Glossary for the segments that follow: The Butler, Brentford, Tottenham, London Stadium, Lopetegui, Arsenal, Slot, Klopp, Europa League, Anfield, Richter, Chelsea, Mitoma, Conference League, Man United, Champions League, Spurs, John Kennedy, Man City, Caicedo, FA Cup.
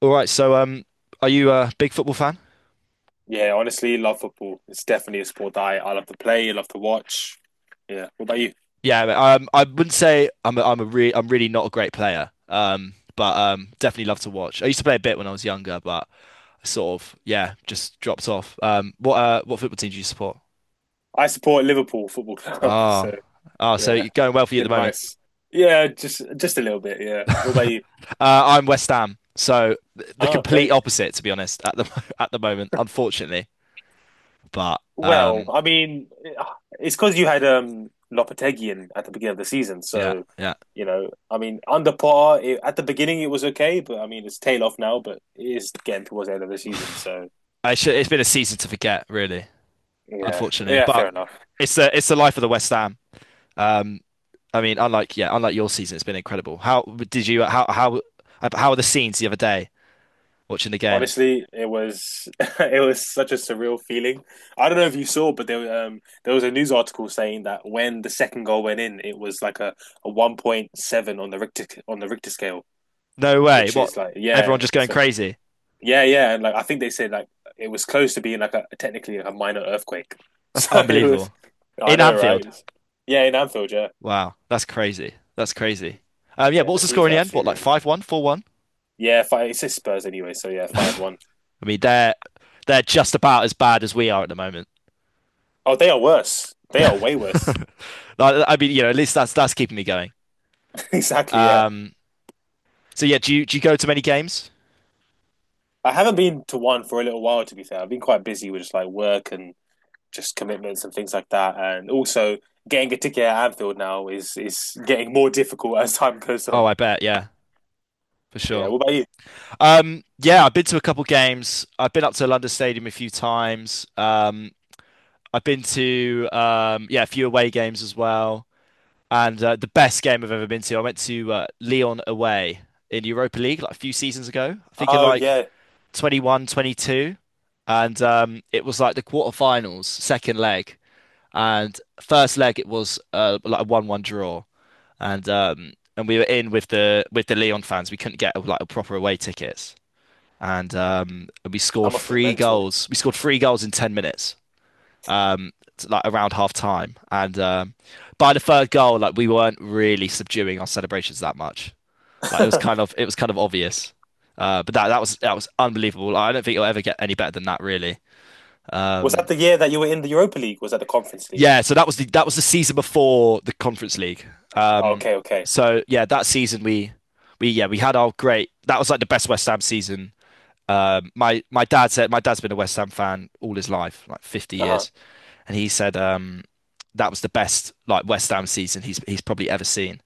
All right, are you a big football fan? Yeah, honestly, love football. It's definitely a sport that I love to play, I love to watch. Yeah. What about you? Yeah, I wouldn't say I'm really not a great player. But definitely love to watch. I used to play a bit when I was younger, but I sort of yeah, just dropped off. What what football team do you support? I support Liverpool Football Club, so Ah, ah, so yeah, you're going well for you at the been moment. nice. Yeah, just a little bit, yeah. What about you? I'm West Ham, so the Oh, complete okay. opposite, to be honest, at the at the moment, unfortunately. But Well, um, I mean, eh, it's because you had Lopetegui in at the beginning of the season, yeah, so yeah, you know, I mean, under par it, at the beginning it was okay, but I mean, it's tail off now, but it is getting towards the end of the season, so it's been a season to forget, really, yeah, unfortunately. yeah, But fair enough. it's the life of the West Ham. Um, Unlike your season, it's been incredible. How how were the scenes the other day watching the game? Honestly, it was it was such a surreal feeling. I don't know if you saw, but there was a news article saying that when the second goal went in, it was like a 1.7 on the Richter scale, No way! which What is like Everyone yeah, just going so crazy? yeah, yeah, and like I think they said like it was close to being like a technically a minor earthquake. That's So it was, unbelievable. I In know, right? Anfield. Yeah, in Anfield, yeah, Wow, that's crazy. That's crazy. Yeah, yeah, what the was the score scenes in were the end? What, absolutely like ruined. five one, four one? Yeah, five, it's just Spurs anyway, so yeah, 5-1. I mean, they're just about as bad as we are at the moment. Oh, they are worse. They are way worse. Like, I mean, you know, at least that's keeping me going. Exactly, yeah. Um, so yeah, do you go to many games? I haven't been to one for a little while, to be fair. I've been quite busy with just like work and just commitments and things like that. And also getting a ticket at Anfield now is getting more difficult as time goes Oh, on. I bet, yeah, for Yeah. sure. What about you? Yeah, I've been to a couple games. I've been up to London Stadium a few times. I've been to yeah, a few away games as well. And the best game I've ever been to, I went to Leon away in Europa League like a few seasons ago. I think in Oh like yeah, 21, twenty two. And It was like the quarterfinals, second leg. And first leg, it was like a 1-1 draw. And we were in with the Leon fans. We couldn't get like a proper away tickets, and we that scored must be three mental. goals. We scored three goals in ten minutes, um, like around half time. And By the third goal, like we weren't really subduing our celebrations that much. Like it was kind of obvious. But that was unbelievable. Like, I don't think it'll ever get any better than that, really. Was that Um, the year that you were in the Europa League? Was that the Conference League? yeah. So that was the season before the Conference League. Oh, Um, okay, okay. so yeah, that season we had our great. That was like the best West Ham season. My dad said, my dad's been a West Ham fan all his life, like 50 Uh-huh. years, and he said that was the best like West Ham season he's probably ever seen.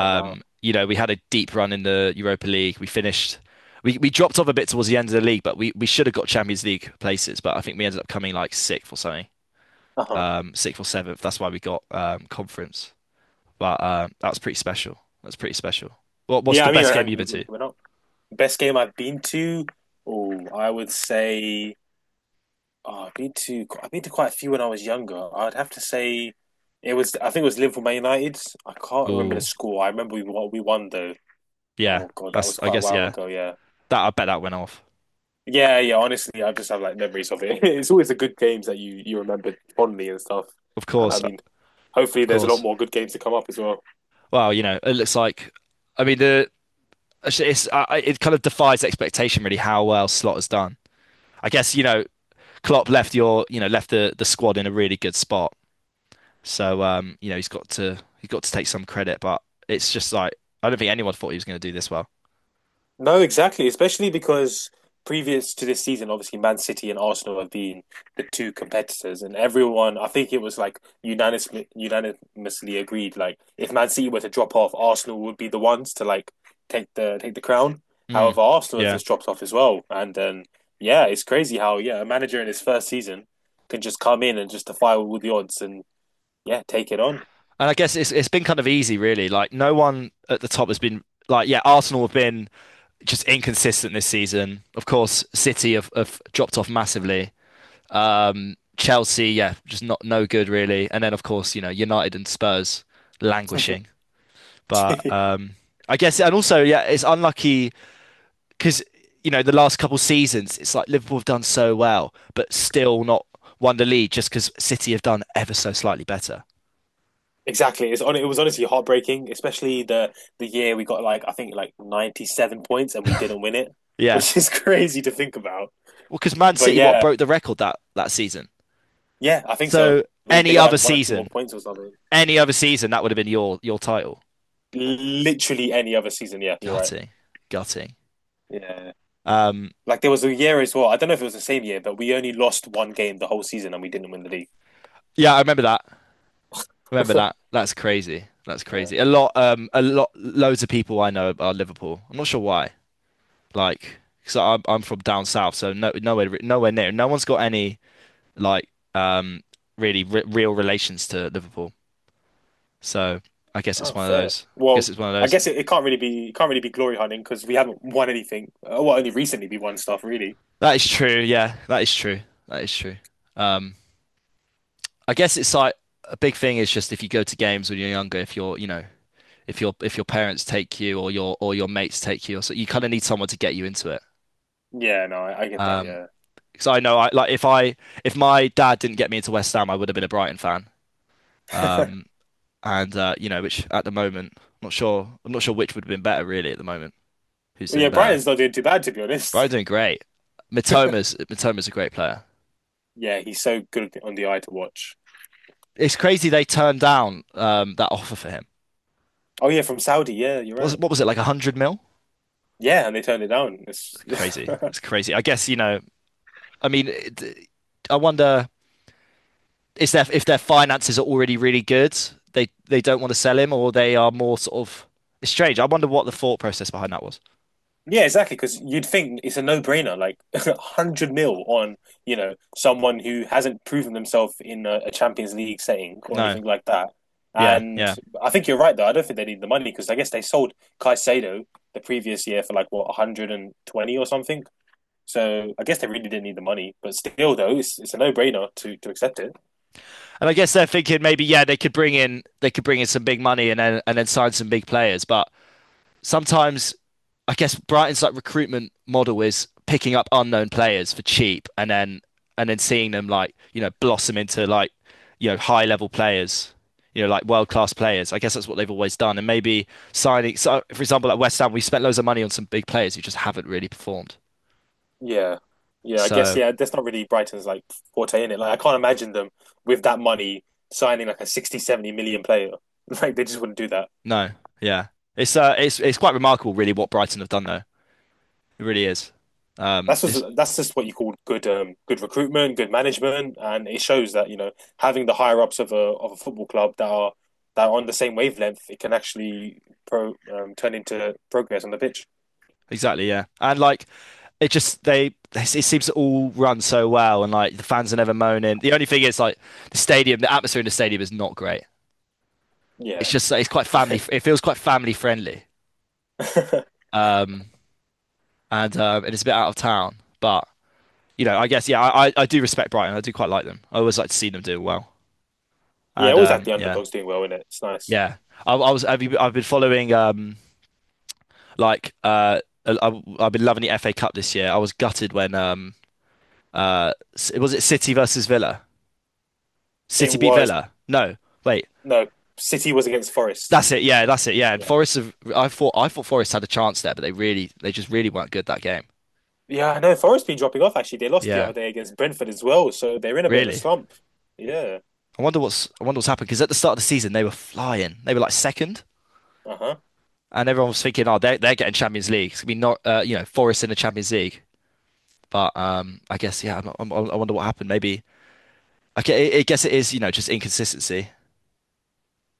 Oh wow. You know, we had a deep run in the Europa League. We we dropped off a bit towards the end of the league, but we should have got Champions League places. But I think we ended up coming like sixth or something, Uh-huh. Sixth or seventh. That's why we got conference. But That was pretty special. That's pretty special. What's Yeah, the I mean, best game and you've you, been you to? went up. Best game I've been to. Oh, I would say oh, I've been to quite a few when I was younger. I'd have to say it was I think it was Liverpool Man United. I can't remember the Oh, score. I remember we what we won though. yeah. Oh God, that was That's I quite a guess while yeah. ago. Yeah, That I bet that went off. yeah, yeah. Honestly, I just have like memories of it. It's always the good games that you remember fondly and stuff. Of And I course, mean, of hopefully, there's a lot course. more good games to come up as well. Well, you know, it looks like, I mean, the it's- I- it kind of defies expectation, really, how well Slot has done. I guess, you know, Klopp left your, you know, left the squad in a really good spot. So, you know, he's got to take some credit, but it's just like I don't think anyone thought he was going to do this well. No, exactly. Especially because previous to this season, obviously Man City and Arsenal have been the two competitors, and everyone, I think it was like unanimously agreed, like if Man City were to drop off, Arsenal would be the ones to like take the crown. Mm, However, Arsenal has yeah, just dropped off as well, and yeah, it's crazy how yeah a manager in his first season can just come in and just defy all the odds and yeah take it on. and I guess it's been kind of easy, really. Like no one at the top has been like, yeah, Arsenal have been just inconsistent this season. Of course, City have dropped off massively. Chelsea, yeah, just not no good really. And then of course, you know, United and Spurs languishing. But I guess, and also, yeah, it's unlucky because you know the last couple seasons, it's like Liverpool have done so well, but still not won the league just because City have done ever so slightly better. Exactly. It's on. It was honestly heartbreaking, especially the year we got like I think like 97 points and we didn't win it, Yeah, which is crazy to think about. well, because Man But City what yeah, broke the record that season. yeah, I think so. So They any got other like one or two more season, points or something. any other season, that would have been your title. Literally any other season. Yeah, you're right. Gutting, gutting. Yeah, Um, like there was a year as well. I don't know if it was the same year, but we only lost one game the whole season and we didn't win the league. yeah, I remember that. Remember that? That's crazy. That's Yeah. crazy. A lot, loads of people I know are Liverpool. I'm not sure why. Like, because I'm from down south, so no, nowhere, nowhere near. No one's got any like, um, real relations to Liverpool. So I guess it's Oh, one of fair. those. I Well, guess it's one of I those. guess it can't really be glory hunting because we haven't won anything. Well, only recently we won stuff really. That is true. Yeah, that is true. That is true. Um, I guess it's like a big thing is just if you go to games when you're younger, if you're, you know, if your parents take you or your mates take you, or so you kind of need someone to get you into it. Yeah, no, I get that. Um, Yeah. because I know I like if my dad didn't get me into West Ham, I would have been a Brighton fan. Well, Um, and You know, which at the moment, I'm not sure. I'm not sure which would have been better really at the moment. Who's yeah, doing better? Brighton's not doing too bad to be Brighton honest. doing great. Mitoma's a great player. Yeah, he's so good on the eye to watch. It's crazy they turned down that offer for him. Oh yeah, from Saudi. Yeah, you're right. What was it like 100 mil? Yeah, and they turned it down. It's... Crazy. It's crazy. I guess you know. I mean, it, I wonder is their if their finances are already really good, they don't want to sell him, or they are more sort of. It's strange. I wonder what the thought process behind that was. yeah, exactly. Because you'd think it's a no-brainer, like 100 mil on you know someone who hasn't proven themselves in a Champions League setting or No, anything like that. yeah, And yeah. I think you're right though. I don't think they need the money because I guess they sold Caicedo the previous year for like what 120 or something. So I guess they really didn't need the money, but still, though, it's a no-brainer to accept it. And I guess they're thinking maybe yeah they could bring in some big money and then sign some big players, but sometimes I guess Brighton's like recruitment model is picking up unknown players for cheap and then seeing them like, you know, blossom into like, you know, high level players, you know, like world class players. I guess that's what they've always done. And maybe signing so for example at West Ham we spent loads of money on some big players who just haven't really performed. Yeah, yeah. I guess So yeah. That's not really Brighton's like forte in it. Like I can't imagine them with that money signing like a 60, 70 million player. Like they just wouldn't do that. no, yeah. It's it's quite remarkable really what Brighton have done though. It really is. It's That's just what you call good good recruitment, good management, and it shows that you know having the higher ups of a football club that are on the same wavelength, it can actually pro turn into progress on the pitch. Exactly, yeah. And like it just they it seems to all run so well and like the fans are never moaning. The only thing is like the stadium, the atmosphere in the stadium is not great. It's Yeah, just it's quite family. It feels quite family friendly, um, and it's a bit out of town. But you know, I guess yeah, do respect Brighton. I do quite like them. I always like to see them do well. yeah. And Always like the Yeah, underdogs doing well in it's nice. yeah. I've been following like uh, I've been loving the FA Cup this year. I was gutted when uh, was it City versus Villa. It City beat was Villa. No, wait. no, City was against Forest. That's it. Yeah, that's it. Yeah, and Yeah, Forest. Have, I thought Forest had a chance there, but they really, they just really weren't good that game. yeah, I know Forest been dropping off. Actually, they lost the Yeah, other day against Brentford as well, so they're in a bit of a really. slump. Yeah, I wonder what's happened because at the start of the season they were flying. They were like second, uh huh. and everyone was thinking, oh, they're getting Champions League. It's gonna be not, you know, Forest in the Champions League. But I guess yeah. I wonder what happened. Maybe. Okay, I guess it is. You know, just inconsistency.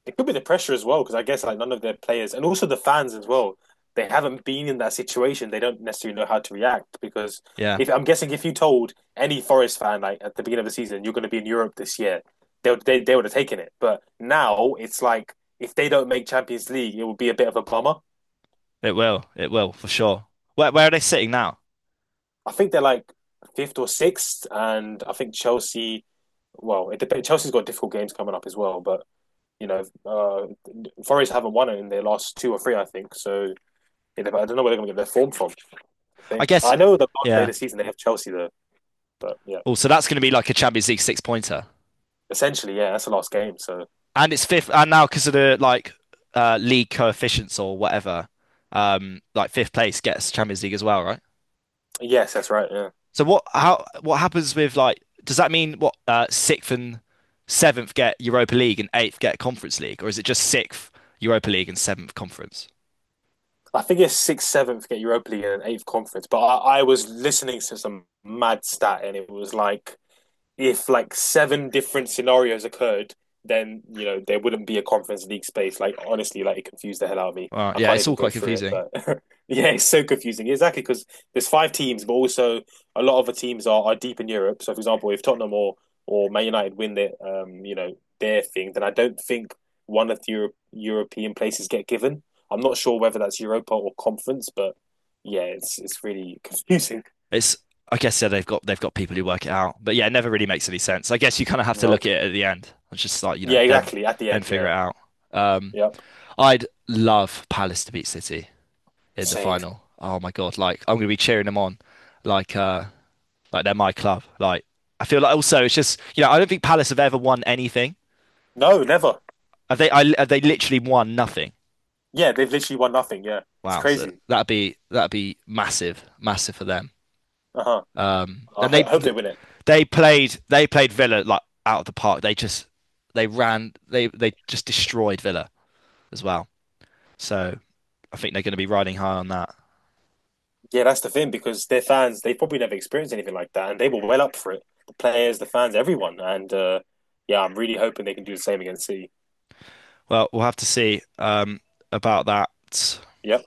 It could be the pressure as well because I guess like none of their players and also the fans as well. They haven't been in that situation. They don't necessarily know how to react because Yeah, if I'm guessing if you told any Forest fan like at the beginning of the season you're going to be in Europe this year, they would have taken it. But now it's like if they don't make Champions League, it would be a bit of a bummer. it will. It will for sure. Where are they sitting now? I think they're like fifth or sixth, and I think Chelsea. Well, it depends. Chelsea's got difficult games coming up as well, but you know, Forest haven't won it in their last two or three, I think. So I don't know where they're going to get their form from. I I think guess. I know the last day of Yeah. the season they have Chelsea there, but yeah, Oh, so that's going to be like a Champions League six pointer. essentially, yeah, that's the last game. So And it's fifth, and now because of the like league coefficients or whatever, like fifth place gets Champions League as well, right? yes, that's right. Yeah, So what happens with like does that mean what sixth and seventh get Europa League and eighth get Conference League, or is it just sixth Europa League and seventh Conference? I think it's sixth, seventh get Europa League and eighth conference. But I was listening to some mad stat, and it was like if like seven different scenarios occurred, then you know there wouldn't be a conference league space. Like honestly, like it confused the hell out of me. I Yeah, can't it's even all go quite through it, confusing. but yeah, it's so confusing. Exactly because there's five teams, but also a lot of the teams are deep in Europe. So for example, if Tottenham or Man United win their you know their thing, then I don't think one of the Euro- European places get given. I'm not sure whether that's Europa or conference, but yeah, it's really confusing. It's I guess yeah, they've got people who work it out, but yeah, it never really makes any sense. I guess you kind of have to look Nope. at it at the end. It's just like you know Yeah, exactly. At the then end, figure yeah, it out. Um, yep, I'd love Palace to beat City in the same. final. Oh my God, like I'm gonna be cheering them on, like uh, like they're my club. Like I feel like also it's just you know I don't think Palace have ever won anything. No, never. Have they? Have they literally won nothing? Yeah, they've literally won nothing. Yeah, it's Wow, so crazy. That'd be massive, massive for them. Uh huh. I And ho- they I hope they win it. they played they played Villa like out of the park. They just they ran they just destroyed Villa as well. So I think they're going to be riding high on that. Yeah, that's the thing because their fans, they probably never experienced anything like that, and they were well up for it. The players, the fans, everyone, and yeah, I'm really hoping they can do the same against City. Well, we'll have to see about that Yeah.